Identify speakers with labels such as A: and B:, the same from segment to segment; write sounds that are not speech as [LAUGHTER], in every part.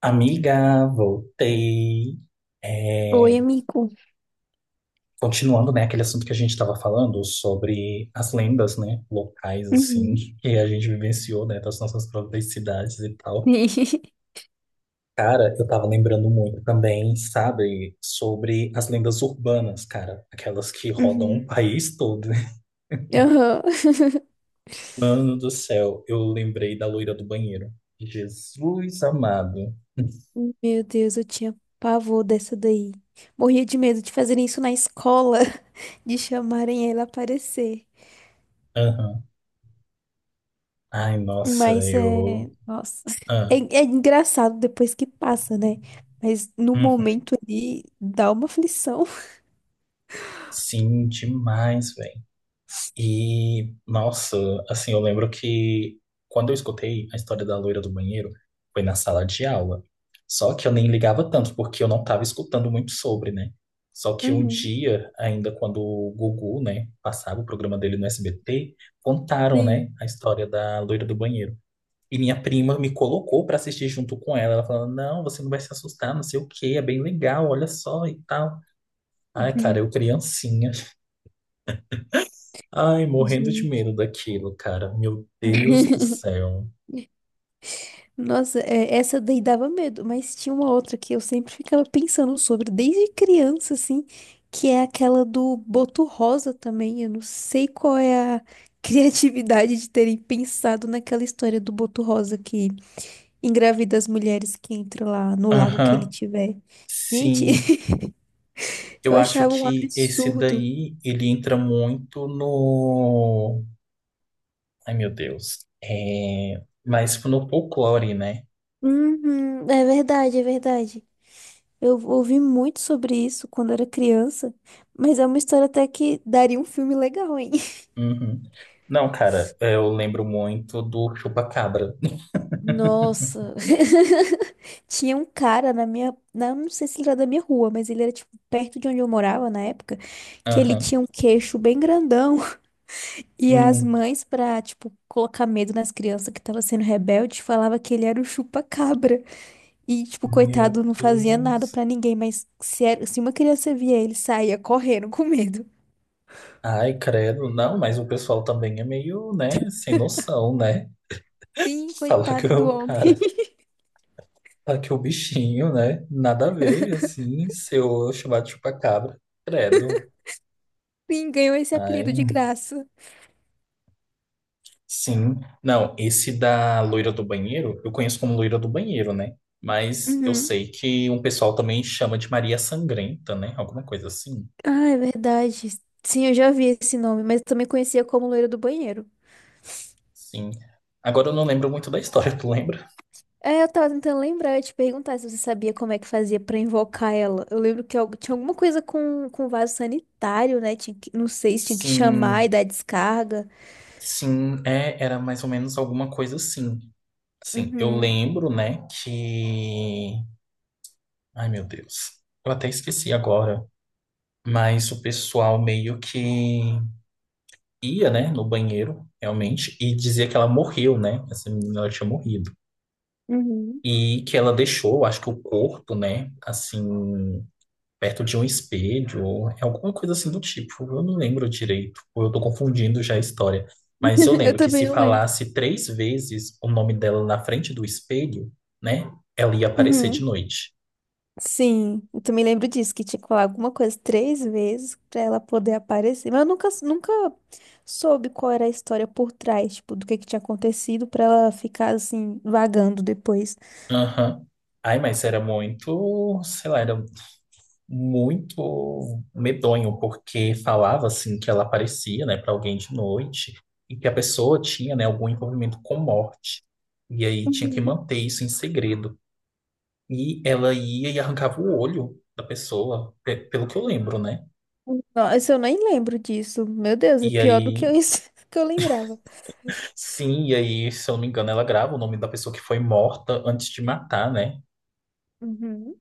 A: Amiga, voltei.
B: Oi,
A: É,
B: amigo.
A: continuando, né, aquele assunto que a gente estava falando sobre as lendas, né, locais, assim,
B: Uhum.
A: que a gente vivenciou, né, das nossas próprias cidades e tal.
B: [LAUGHS]
A: Cara, eu tava lembrando muito também, sabe, sobre as lendas urbanas, cara, aquelas que rodam o
B: Uhum.
A: país todo. [LAUGHS]
B: Aham. [LAUGHS]
A: Mano do céu, eu lembrei da loira do banheiro. Jesus amado.
B: Meu Deus, eu tinha pavor dessa daí. Morria de medo de fazerem isso na escola, [LAUGHS] de chamarem ela a aparecer.
A: Aham. Ai, nossa,
B: Mas é.
A: eu.
B: Nossa. É,
A: Ah.
B: é engraçado depois que passa, né? Mas no
A: Uhum.
B: momento ali dá uma aflição.
A: Sim, demais, velho. E, nossa, assim, eu lembro que quando eu escutei a história da loira do banheiro, foi na sala de aula. Só que eu nem ligava tanto, porque eu não estava escutando muito sobre, né? Só que um
B: Uhum.
A: dia, ainda quando o Gugu, né, passava o programa dele no SBT,
B: [LAUGHS]
A: contaram, né,
B: Sim.
A: a história da loira do banheiro. E minha prima me colocou para assistir junto com ela. Ela falando, não, você não vai se assustar, não sei o quê, é bem legal, olha só e tal. Ai, cara, eu
B: Uhum.
A: criancinha. Ai, morrendo de
B: Gente.
A: medo daquilo, cara. Meu Deus do
B: [LAUGHS]
A: céu.
B: Nossa, é, essa daí dava medo, mas tinha uma outra que eu sempre ficava pensando sobre, desde criança, assim, que é aquela do Boto Rosa também. Eu não sei qual é a [LAUGHS] criatividade de terem pensado naquela história do Boto Rosa que engravida as mulheres que entram lá no lago que ele
A: Aham,
B: tiver. Gente,
A: sim.
B: [LAUGHS]
A: Eu
B: eu
A: acho
B: achava um
A: que esse
B: absurdo.
A: daí, ele entra muito no... Ai, meu Deus. É... Mas no folclore, né?
B: Uhum, é verdade, é verdade. Eu ouvi muito sobre isso quando era criança, mas é uma história até que daria um filme legal, hein?
A: Uhum. Não, cara, eu lembro muito do Chupacabra. [LAUGHS]
B: Nossa. [LAUGHS] Tinha um cara na minha. Não sei se ele era da minha rua, mas ele era, tipo, perto de onde eu morava na época, que ele
A: Aham.
B: tinha um queixo bem grandão. [LAUGHS] E as
A: Hum.
B: mães, pra, tipo, colocar medo nas crianças que tava sendo rebelde, falava que ele era o chupa-cabra. E, tipo,
A: Meu
B: coitado, não fazia nada
A: Deus.
B: pra ninguém, mas se, se uma criança via ele, saía correndo com medo.
A: Ai, credo. Não, mas o pessoal também é meio, né, sem noção, né?
B: Sim,
A: [LAUGHS] Falar que
B: coitado
A: é
B: do
A: o
B: homem.
A: cara.
B: [LAUGHS]
A: Tá que o bichinho, né? Nada a ver, assim, se eu chamar de chupacabra, credo.
B: Sim, ganhou esse apelido de
A: Ai,
B: graça.
A: sim. Não, esse da loira do banheiro, eu conheço como loira do banheiro, né? Mas eu
B: Uhum.
A: sei que um pessoal também chama de Maria Sangrenta, né? Alguma coisa assim.
B: Ah, é verdade. Sim, eu já vi esse nome, mas eu também conhecia como loira do banheiro.
A: Sim. Agora eu não lembro muito da história, [LAUGHS] tu lembra?
B: É, eu tava tentando lembrar, eu te perguntar se você sabia como é que fazia pra invocar ela. Eu lembro que tinha alguma coisa com vaso sanitário, né? Não sei se tinha que chamar
A: Sim,
B: e dar descarga.
A: sim, é, era mais ou menos alguma coisa assim. Assim, eu
B: Uhum,
A: lembro, né, que... Ai, meu Deus. Eu até esqueci agora. Mas o pessoal meio que ia, né, no banheiro, realmente, e dizia que ela morreu, né? Essa menina ela tinha morrido.
B: uhum.
A: E que ela deixou, acho que o corpo, né, assim, perto de um espelho, ou alguma coisa assim do tipo. Eu não lembro direito, ou eu tô confundindo já a história. Mas eu
B: [LAUGHS] Eu
A: lembro que
B: também
A: se
B: não lembro.
A: falasse três vezes o nome dela na frente do espelho, né, ela ia aparecer de
B: Uhum.
A: noite.
B: Sim, eu também lembro disso, que tinha que falar alguma coisa 3 vezes pra ela poder aparecer. Mas eu nunca soube qual era a história por trás, tipo, do que tinha acontecido pra ela ficar assim, vagando depois.
A: Aham. Ai, mas era muito, sei lá, era muito medonho, porque falava assim que ela aparecia, né, para alguém de noite e que a pessoa tinha, né, algum envolvimento com morte. E aí tinha que
B: Uhum.
A: manter isso em segredo. E ela ia e arrancava o olho da pessoa, pelo que eu lembro, né?
B: Nossa, eu nem lembro disso. Meu Deus, é
A: E
B: pior do que
A: aí,
B: eu, [LAUGHS] isso que eu lembrava.
A: sim, e aí, se eu não me engano, ela grava o nome da pessoa que foi morta antes de matar, né?
B: Uhum.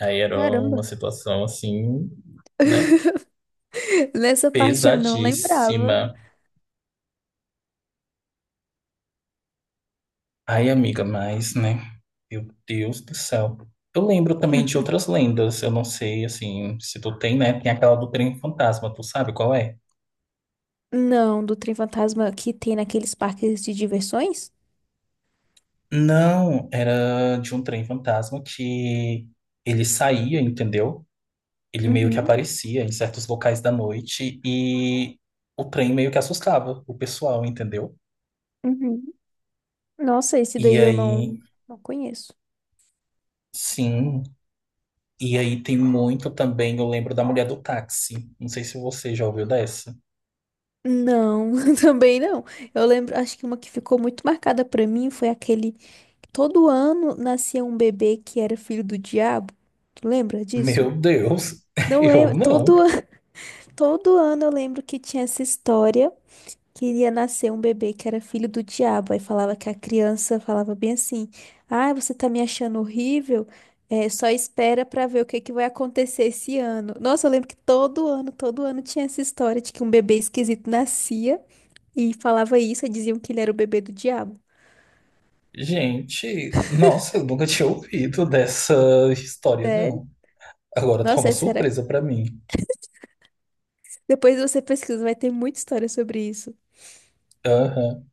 A: Aí era
B: Caramba.
A: uma situação assim, né?
B: [LAUGHS] Nessa parte eu não lembrava.
A: Pesadíssima. Ai, amiga, mas, né? Meu Deus do céu. Eu lembro também de outras
B: [LAUGHS]
A: lendas. Eu não sei, assim, se tu tem, né? Tem aquela do trem fantasma, tu sabe qual é?
B: Não, do trem fantasma que tem naqueles parques de diversões?
A: Não, era de um trem fantasma que ele saía, entendeu? Ele meio que
B: Uhum.
A: aparecia em certos locais da noite e o trem meio que assustava o pessoal, entendeu?
B: Uhum. Nossa, esse
A: E
B: daí eu
A: aí,
B: não conheço.
A: sim. E aí tem muito também, eu lembro da mulher do táxi. Não sei se você já ouviu dessa.
B: Não, [LAUGHS] também não. Eu lembro, acho que uma que ficou muito marcada pra mim foi aquele que todo ano nascia um bebê que era filho do diabo. Tu lembra disso?
A: Meu Deus, [LAUGHS]
B: Não
A: eu
B: lembro.
A: não.
B: [LAUGHS] Todo ano eu lembro que tinha essa história. Queria nascer um bebê que era filho do diabo. Aí falava que a criança falava bem assim: Ah, você tá me achando horrível? É, só espera pra ver o que que vai acontecer esse ano. Nossa, eu lembro que todo ano tinha essa história de que um bebê esquisito nascia e falava isso, e diziam que ele era o bebê do diabo.
A: Gente, nossa, eu nunca tinha ouvido dessa história,
B: Sério?
A: não. Agora tá
B: Nossa,
A: uma
B: essa era.
A: surpresa pra mim.
B: Depois você pesquisa, vai ter muita história sobre isso.
A: Aham.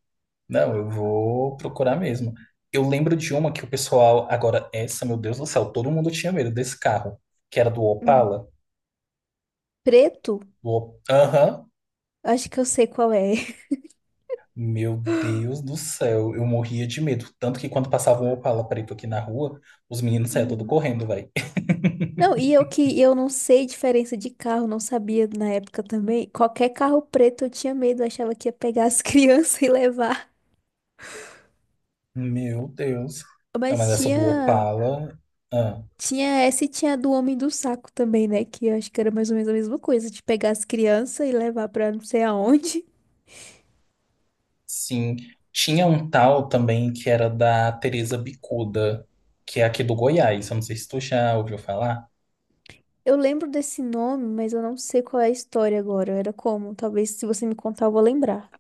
A: Não, eu vou procurar mesmo. Eu lembro de uma que o pessoal. Agora, essa, meu Deus do céu, todo mundo tinha medo desse carro, que era do
B: Hum.
A: Opala.
B: Preto?
A: Aham.
B: Acho que eu sei qual é.
A: Meu Deus do céu, eu morria de medo. Tanto que quando passava um Opala preto aqui na rua, os meninos saíam tudo
B: [LAUGHS]
A: correndo, velho. [LAUGHS]
B: Não, e eu que eu não sei diferença de carro, não sabia na época também. Qualquer carro preto eu tinha medo, eu achava que ia pegar as [LAUGHS] crianças e levar.
A: Meu Deus. Não, mas
B: Mas
A: essa do
B: tinha,
A: Opala, ah,
B: tinha essa e tinha a do Homem do Saco também, né? Que eu acho que era mais ou menos a mesma coisa, de pegar as crianças e levar pra não sei aonde. [LAUGHS]
A: sim. Tinha um tal também que era da Teresa Bicuda, que é aqui do Goiás. Eu não sei se tu já ouviu falar.
B: Eu lembro desse nome, mas eu não sei qual é a história agora. Era como? Talvez se você me contar, eu vou lembrar.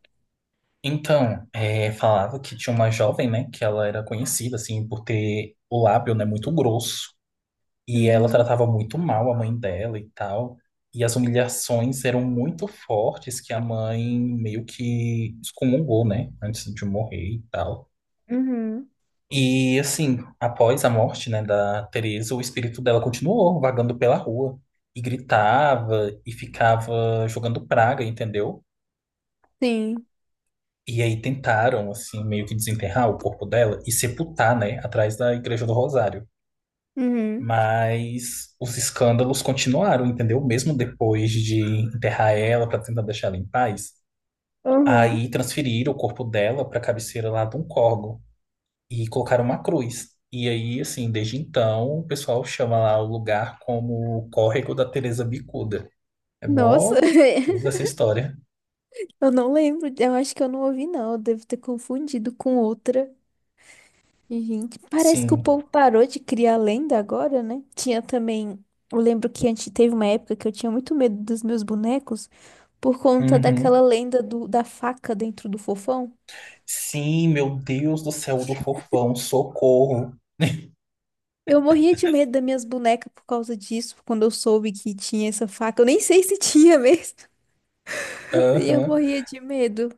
A: Então, é, falava que tinha uma jovem, né, que ela era conhecida, assim, por ter o lábio, né, muito grosso. E ela
B: Uhum,
A: tratava muito mal a mãe dela e tal. E as humilhações eram muito fortes que a mãe meio que excomungou, né, antes de morrer e tal.
B: uhum,
A: E assim, após a morte, né, da Teresa, o espírito dela continuou vagando pela rua e gritava e ficava jogando praga, entendeu?
B: sim,
A: E aí tentaram assim meio que desenterrar o corpo dela e sepultar, né, atrás da Igreja do Rosário.
B: uhum,
A: Mas os escândalos continuaram, entendeu? Mesmo depois de enterrar ela para tentar deixar ela em paz,
B: uhum.
A: aí transferiram o corpo dela para a cabeceira lá de um córgo. E colocaram uma cruz. E aí, assim, desde então, o pessoal chama lá o lugar como o Córrego da Teresa Bicuda. É
B: Nossa.
A: mó cabuloso
B: [LAUGHS]
A: essa história.
B: Eu não lembro, eu acho que eu não ouvi, não. Eu devo ter confundido com outra. E, gente, parece que o
A: Sim.
B: povo parou de criar lenda agora, né? Tinha também. Eu lembro que antes teve uma época que eu tinha muito medo dos meus bonecos por conta
A: Uhum.
B: daquela lenda da faca dentro do fofão.
A: Sim, meu Deus do céu o do fofão, socorro. [LAUGHS]
B: Eu morria de medo das minhas bonecas por causa disso, quando eu soube que tinha essa faca. Eu nem sei se tinha mesmo. [LAUGHS] E eu
A: Aham.
B: morria de medo.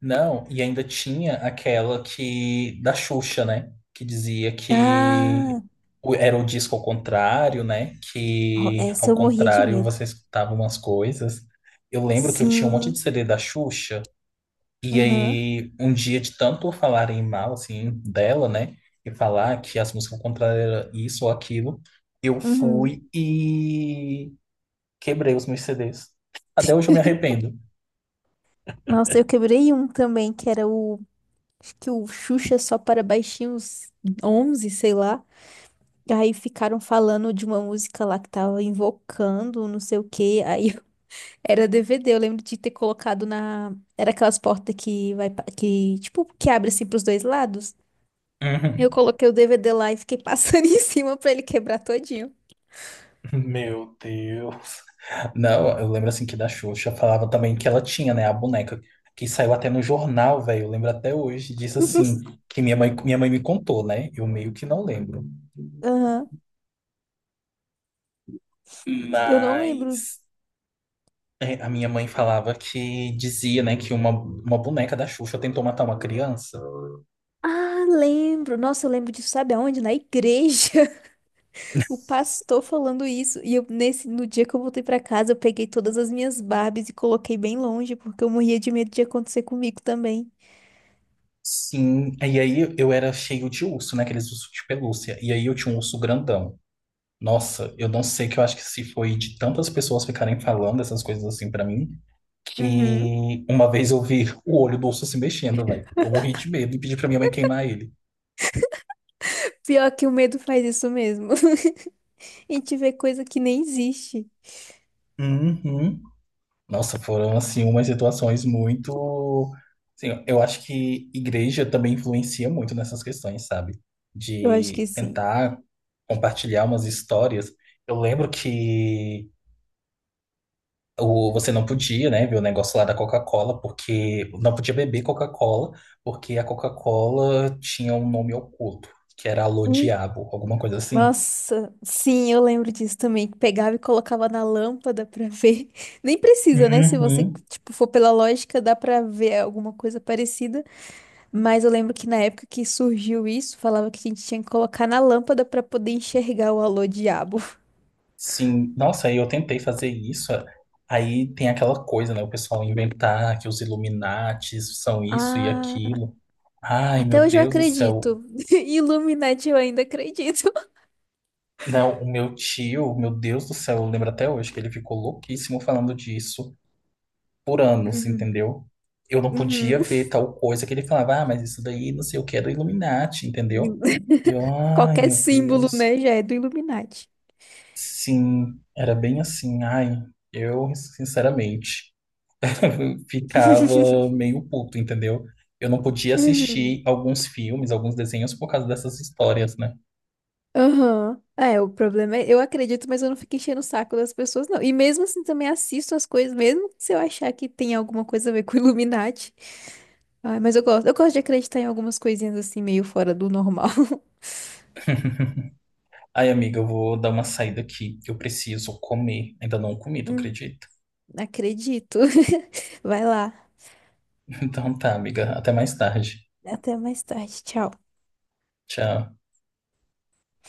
A: Não, e ainda tinha aquela que da Xuxa, né? Que dizia que
B: Ah,
A: era o disco ao contrário, né?
B: ó,
A: Que
B: essa
A: ao
B: eu morria de
A: contrário
B: medo.
A: você escutava umas coisas. Eu lembro que eu tinha um monte de
B: Sim.
A: CD da Xuxa. E
B: Aham.
A: aí, um dia de tanto falarem mal, assim, dela, né? E falar que as músicas contrárias era isso ou aquilo, eu
B: Uhum.
A: fui e quebrei os meus CDs. Até hoje eu me arrependo.
B: Nossa, eu quebrei um também, que era o. Acho que o Xuxa só para baixinhos 11 sei lá. Aí ficaram falando de uma música lá que tava invocando, não sei o quê. [LAUGHS] Era DVD, eu lembro de ter colocado na. Era aquelas portas que vai. Que, tipo, que abre assim pros dois lados. Eu
A: Uhum.
B: coloquei o DVD lá e fiquei passando [LAUGHS] em cima pra ele quebrar todinho.
A: [LAUGHS] Meu Deus. Não, eu lembro assim que da Xuxa falava também que ela tinha, né, a boneca que saiu até no jornal, velho. Eu lembro até hoje, disse assim, que minha mãe me contou, né? Eu meio que não lembro.
B: Aham. Eu não lembro.
A: Mas é, a minha mãe falava que dizia, né, que uma boneca da Xuxa tentou matar uma criança.
B: Ah, lembro. Nossa, eu lembro disso, sabe aonde? Na igreja. O pastor falando isso, e eu nesse no dia que eu voltei pra casa, eu peguei todas as minhas Barbies e coloquei bem longe, porque eu morria de medo de acontecer comigo também.
A: Sim, e aí eu era cheio de urso, né, aqueles ursos de pelúcia. E aí eu tinha um urso grandão. Nossa, eu não sei que eu acho que se foi de tantas pessoas ficarem falando essas coisas assim pra mim,
B: Uhum.
A: que uma vez eu vi o olho do urso se mexendo, velho. Eu morri de medo e pedi pra minha mãe queimar ele.
B: Pior que o medo faz isso mesmo. [LAUGHS] A gente vê coisa que nem existe.
A: Uhum. Nossa, foram assim umas situações muito, assim, eu acho que igreja também influencia muito nessas questões, sabe?
B: Eu acho que
A: De
B: sim.
A: tentar compartilhar umas histórias. Eu lembro que o, você não podia, né, ver o negócio lá da Coca-Cola, porque não podia beber Coca-Cola, porque a Coca-Cola tinha um nome oculto, que era Alô
B: Hum.
A: Diabo, alguma coisa assim.
B: Nossa, sim, eu lembro disso também, que pegava e colocava na lâmpada pra ver. [LAUGHS] Nem precisa, né? Se você,
A: Uhum.
B: tipo, for pela lógica, dá pra ver alguma coisa parecida. Mas eu lembro que na época que surgiu isso, falava que a gente tinha que colocar na lâmpada pra poder enxergar o alô diabo.
A: Sim, nossa, e eu tentei fazer isso. Aí tem aquela coisa, né? O pessoal inventar que os Illuminates são isso e
B: Ah,
A: aquilo. Ai, meu
B: até hoje eu
A: Deus do céu.
B: acredito. [LAUGHS] Illuminati eu ainda acredito.
A: Não, o meu tio, meu Deus do céu, eu lembro até hoje que ele ficou louquíssimo falando disso por anos,
B: Uhum.
A: entendeu? Eu não podia
B: Uhum.
A: ver tal coisa que ele falava, ah, mas isso daí não sei o que é do Illuminati, entendeu? Eu,
B: [LAUGHS]
A: ai,
B: Qualquer
A: meu
B: símbolo,
A: Deus.
B: né, já é do Illuminati.
A: Sim, era bem assim. Ai, eu, sinceramente. [LAUGHS]
B: [LAUGHS]
A: ficava meio puto, entendeu? Eu não podia
B: Uhum.
A: assistir alguns filmes, alguns desenhos por causa dessas histórias, né?
B: Aham. É, o problema é, eu acredito, mas eu não fico enchendo o saco das pessoas, não. E mesmo assim também assisto as coisas, mesmo se eu achar que tem alguma coisa a ver com Illuminati. Ai, mas eu gosto de acreditar em algumas coisinhas assim, meio fora do normal. [LAUGHS]
A: Ai, amiga, eu vou dar uma saída aqui, que eu preciso comer. Ainda não comi, tu
B: Hum,
A: acredita?
B: acredito. [LAUGHS] Vai lá.
A: [LAUGHS] Então tá, amiga, até mais tarde.
B: Até mais tarde. Tchau.
A: Tchau.